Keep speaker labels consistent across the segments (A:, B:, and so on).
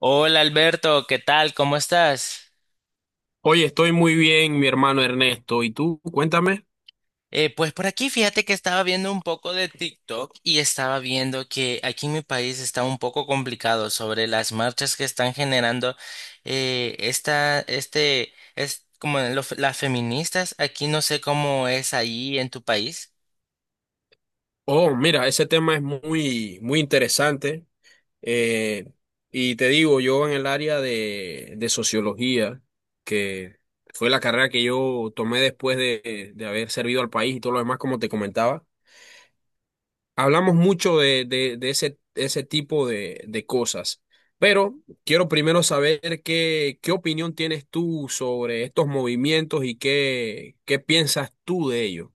A: Hola Alberto, ¿qué tal? ¿Cómo estás?
B: Oye, estoy muy bien, mi hermano Ernesto. ¿Y tú? Cuéntame.
A: Pues por aquí fíjate que estaba viendo un poco de TikTok y estaba viendo que aquí en mi país está un poco complicado sobre las marchas que están generando es como las feministas. Aquí no sé cómo es ahí en tu país.
B: Oh, mira, ese tema es muy, muy interesante. Eh, y te digo, yo en el área de sociología, que fue la carrera que yo tomé después de haber servido al país y todo lo demás, como te comentaba, hablamos mucho de ese tipo de cosas. Pero quiero primero saber qué opinión tienes tú sobre estos movimientos y qué piensas tú de ellos.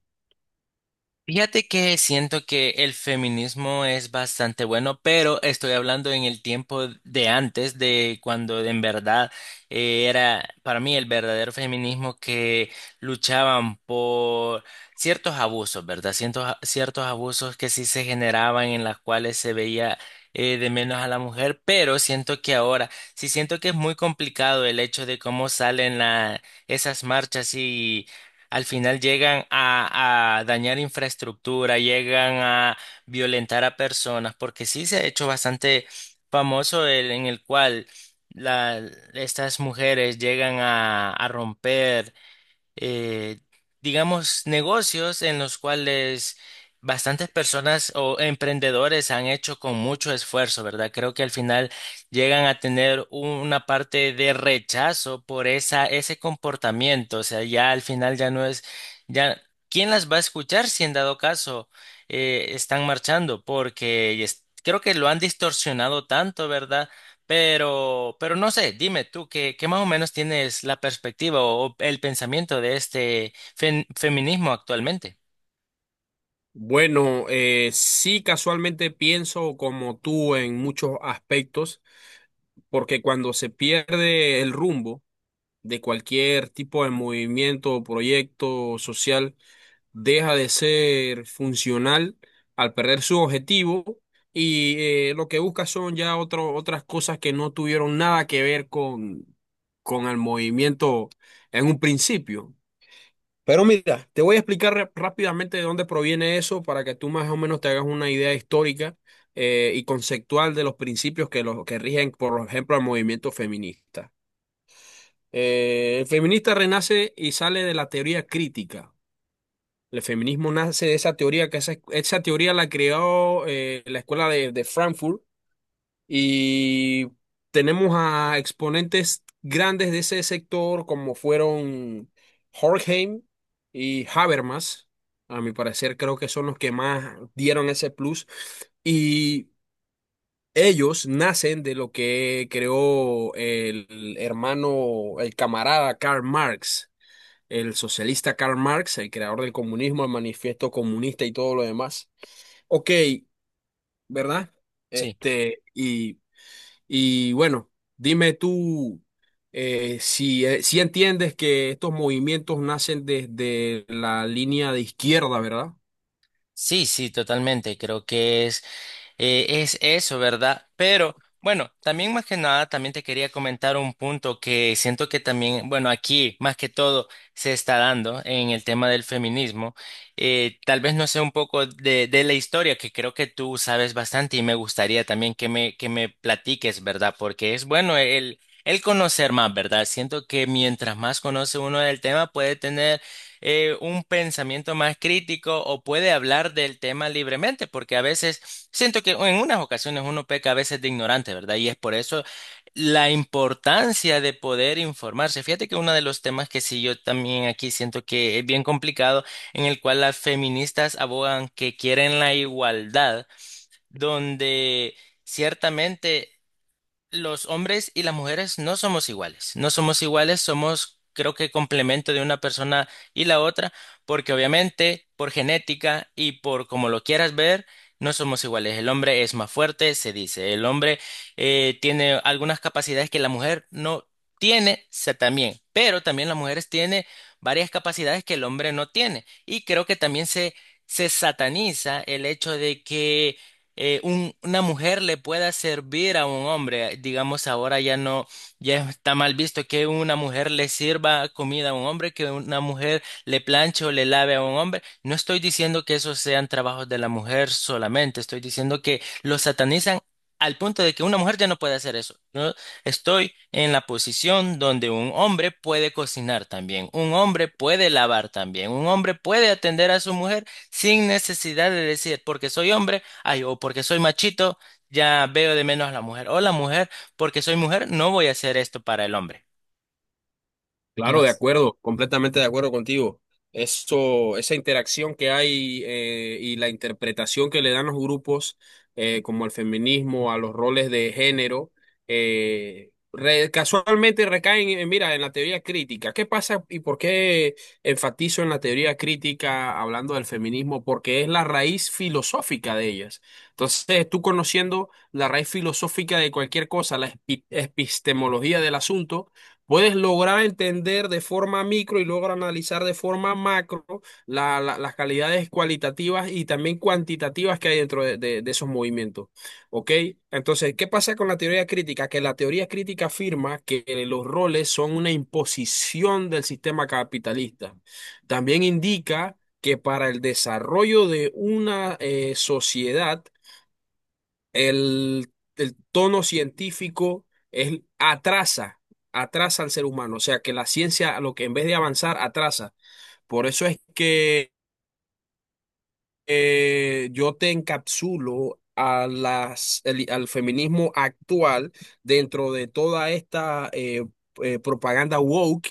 A: Fíjate que siento que el feminismo es bastante bueno, pero estoy hablando en el tiempo de antes, de cuando en verdad era para mí el verdadero feminismo que luchaban por ciertos abusos, ¿verdad? Ciertos abusos que sí se generaban en las cuales se veía de menos a la mujer, pero siento que ahora sí siento que es muy complicado el hecho de cómo salen esas marchas al final llegan a dañar infraestructura, llegan a violentar a personas, porque sí se ha hecho bastante famoso el, en el cual la- estas mujeres llegan a romper eh, digamos, negocios en los cuales bastantes personas o emprendedores han hecho con mucho esfuerzo, ¿verdad? Creo que al final llegan a tener una parte de rechazo por esa, ese comportamiento. O sea, ya al final ya no es, ya, ¿quién las va a escuchar si en dado caso están marchando? Porque creo que lo han distorsionado tanto, ¿verdad? Pero no sé, dime tú, ¿qué, qué más o menos tienes la perspectiva o el pensamiento de este feminismo actualmente?
B: Bueno, sí, casualmente pienso como tú en muchos aspectos, porque cuando se pierde el rumbo de cualquier tipo de movimiento o proyecto social, deja de ser funcional al perder su objetivo y lo que busca son ya otras cosas que no tuvieron nada que ver con el movimiento en un principio. Pero mira, te voy a explicar rápidamente de dónde proviene eso para que tú más o menos te hagas una idea histórica y conceptual de los principios que, los, que rigen, por ejemplo, el movimiento feminista. El feminista renace y sale de la teoría crítica. El feminismo nace de esa teoría, que esa teoría la creó la escuela de Frankfurt y tenemos a exponentes grandes de ese sector, como fueron Horkheim y Habermas. A mi parecer, creo que son los que más dieron ese plus. Y ellos nacen de lo que creó el hermano, el camarada Karl Marx, el socialista Karl Marx, el creador del comunismo, el manifiesto comunista y todo lo demás. Ok, ¿verdad?
A: Sí,
B: Este, y. Y bueno, dime tú, si entiendes que estos movimientos nacen desde la línea de izquierda, ¿verdad?
A: sí, sí, totalmente. Creo que es. Es eso, ¿verdad? Pero bueno, también más que nada, también te quería comentar un punto que siento que también, bueno, aquí más que todo se está dando en el tema del feminismo. Tal vez no sé un poco de la historia, que creo que tú sabes bastante y me gustaría también que que me platiques, ¿verdad? Porque es bueno el conocer más, ¿verdad? Siento que mientras más conoce uno del tema, puede tener un pensamiento más crítico o puede hablar del tema libremente, porque a veces. Siento que en unas ocasiones uno peca a veces de ignorante, ¿verdad? Y es por eso la importancia de poder informarse. Fíjate que uno de los temas que sí yo también aquí siento que es bien complicado, en el cual las feministas abogan que quieren la igualdad, donde ciertamente los hombres y las mujeres no somos iguales, no somos iguales, somos creo que complemento de una persona y la otra, porque obviamente por genética y por como lo quieras ver, no somos iguales. El hombre es más fuerte, se dice, el hombre tiene algunas capacidades que la mujer no tiene, se también, pero también las mujeres tienen varias capacidades que el hombre no tiene. Y creo que también se sataniza el hecho de que una mujer le pueda servir a un hombre. Digamos, ahora ya no, ya está mal visto que una mujer le sirva comida a un hombre, que una mujer le planche o le lave a un hombre. No estoy diciendo que esos sean trabajos de la mujer solamente, estoy diciendo que lo satanizan al punto de que una mujer ya no puede hacer eso. Yo estoy en la posición donde un hombre puede cocinar también, un hombre puede lavar también, un hombre puede atender a su mujer sin necesidad de decir, porque soy hombre, ay, o porque soy machito, ya veo de menos a la mujer. O la mujer, porque soy mujer, no voy a hacer esto para el hombre. No.
B: Claro, de acuerdo, completamente de acuerdo contigo. Eso, esa interacción que hay, y la interpretación que le dan los grupos, como al feminismo, a los roles de género, casualmente recaen, mira, en la teoría crítica. ¿Qué pasa y por qué enfatizo en la teoría crítica hablando del feminismo? Porque es la raíz filosófica de ellas. Entonces, tú conociendo la raíz filosófica de cualquier cosa, la epistemología del asunto, puedes lograr entender de forma micro y luego analizar de forma macro las calidades cualitativas y también cuantitativas que hay dentro de esos movimientos. ¿Ok? Entonces, ¿qué pasa con la teoría crítica? Que la teoría crítica afirma que los roles son una imposición del sistema capitalista. También indica que para el desarrollo de una sociedad, el tono científico es, atrasa, atrasa al ser humano. O sea, que la ciencia, a lo que en vez de avanzar, atrasa. Por eso es que yo te encapsulo a al feminismo actual dentro de toda esta propaganda woke,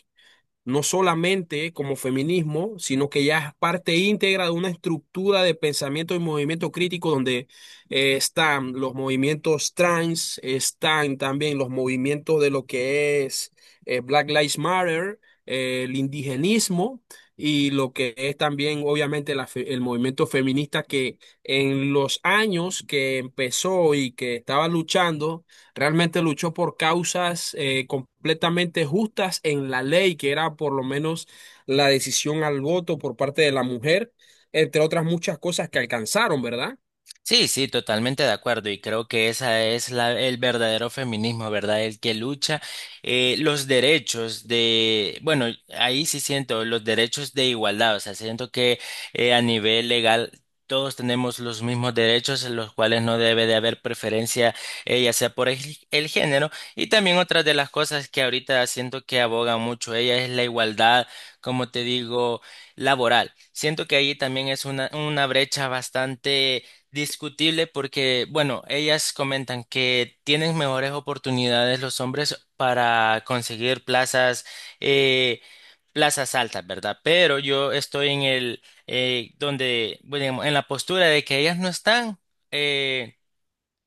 B: no solamente como feminismo, sino que ya es parte íntegra de una estructura de pensamiento y movimiento crítico donde están los movimientos trans, están también los movimientos de lo que es Black Lives Matter, el indigenismo y lo que es también obviamente la el movimiento feminista que en los años que empezó y que estaba luchando, realmente luchó por causas completamente justas en la ley, que era por lo menos la decisión al voto por parte de la mujer, entre otras muchas cosas que alcanzaron, ¿verdad?
A: Sí, sí, totalmente de acuerdo y creo que esa es la, el verdadero feminismo, ¿verdad? El que lucha los derechos de, bueno, ahí sí siento los derechos de igualdad. O sea, siento que a nivel legal todos tenemos los mismos derechos en los cuales no debe de haber preferencia, ya sea por el género, y también otra de las cosas que ahorita siento que aboga mucho ella es la igualdad, como te digo, laboral. Siento que ahí también es una brecha bastante discutible porque, bueno, ellas comentan que tienen mejores oportunidades los hombres para conseguir plazas, eh, plazas altas, ¿verdad? Pero yo estoy en el, donde, bueno, digamos, en la postura de que ellas no están, eh,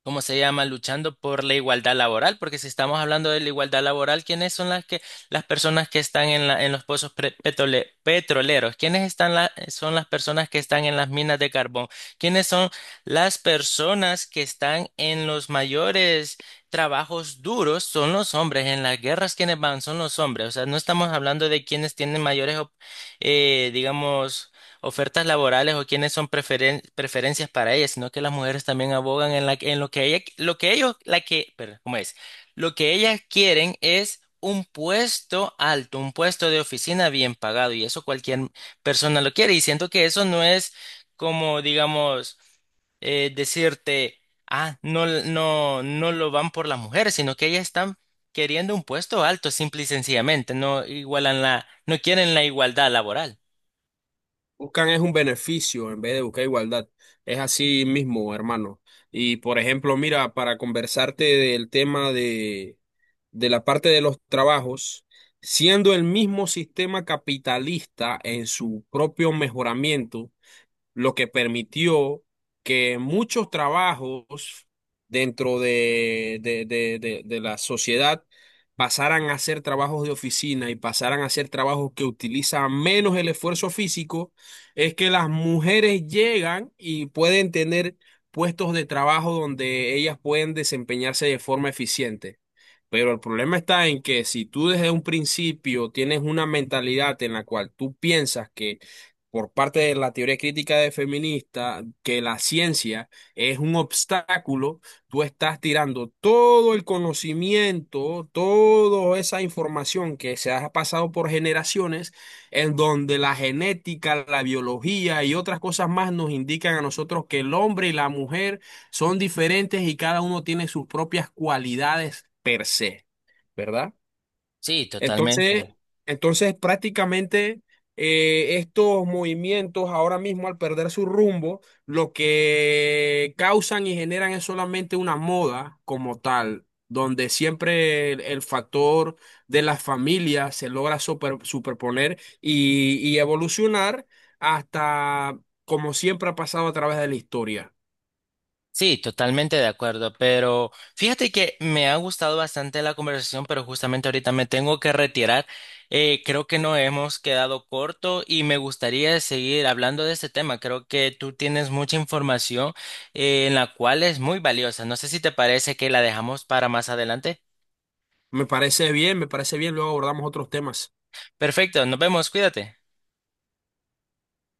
A: ¿cómo se llama? Luchando por la igualdad laboral, porque si estamos hablando de la igualdad laboral, ¿quiénes son las que las personas que están en la, en los pozos petroleros? ¿Quiénes están son las personas que están en las minas de carbón? ¿Quiénes son las personas que están en los mayores trabajos duros? Son los hombres. En las guerras, ¿quiénes van? Son los hombres. O sea, no estamos hablando de quienes tienen mayores, digamos, ofertas laborales o quiénes son preferencias para ellas, sino que las mujeres también abogan en, la, en lo que ella, lo que ellos, la que, perdón, ¿cómo es? Lo que ellas quieren es un puesto alto, un puesto de oficina bien pagado, y eso cualquier persona lo quiere, y siento que eso no es como, digamos, decirte, ah, no, no, no lo van por las mujeres, sino que ellas están queriendo un puesto alto, simple y sencillamente. No igualan la, no quieren la igualdad laboral.
B: Buscan es un beneficio en vez de buscar igualdad. Es así mismo, hermano. Y por ejemplo, mira, para conversarte del tema de la parte de los trabajos, siendo el mismo sistema capitalista en su propio mejoramiento, lo que permitió que muchos trabajos dentro de la sociedad pasaran a ser trabajos de oficina y pasaran a ser trabajos que utilizan menos el esfuerzo físico, es que las mujeres llegan y pueden tener puestos de trabajo donde ellas pueden desempeñarse de forma eficiente. Pero el problema está en que si tú desde un principio tienes una mentalidad en la cual tú piensas que, por parte de la teoría crítica de feminista, que la ciencia es un obstáculo, tú estás tirando todo el conocimiento, toda esa información que se ha pasado por generaciones, en donde la genética, la biología y otras cosas más nos indican a nosotros que el hombre y la mujer son diferentes y cada uno tiene sus propias cualidades per se, ¿verdad?
A: Sí, totalmente.
B: Entonces, prácticamente estos movimientos ahora mismo, al perder su rumbo, lo que causan y generan es solamente una moda como tal, donde siempre el factor de la familia se logra superponer y evolucionar hasta, como siempre ha pasado a través de la historia.
A: Sí, totalmente de acuerdo, pero fíjate que me ha gustado bastante la conversación, pero justamente ahorita me tengo que retirar. Creo que nos hemos quedado corto y me gustaría seguir hablando de este tema. Creo que tú tienes mucha información en la cual es muy valiosa. No sé si te parece que la dejamos para más adelante.
B: Me parece bien, luego abordamos otros temas.
A: Perfecto, nos vemos, cuídate.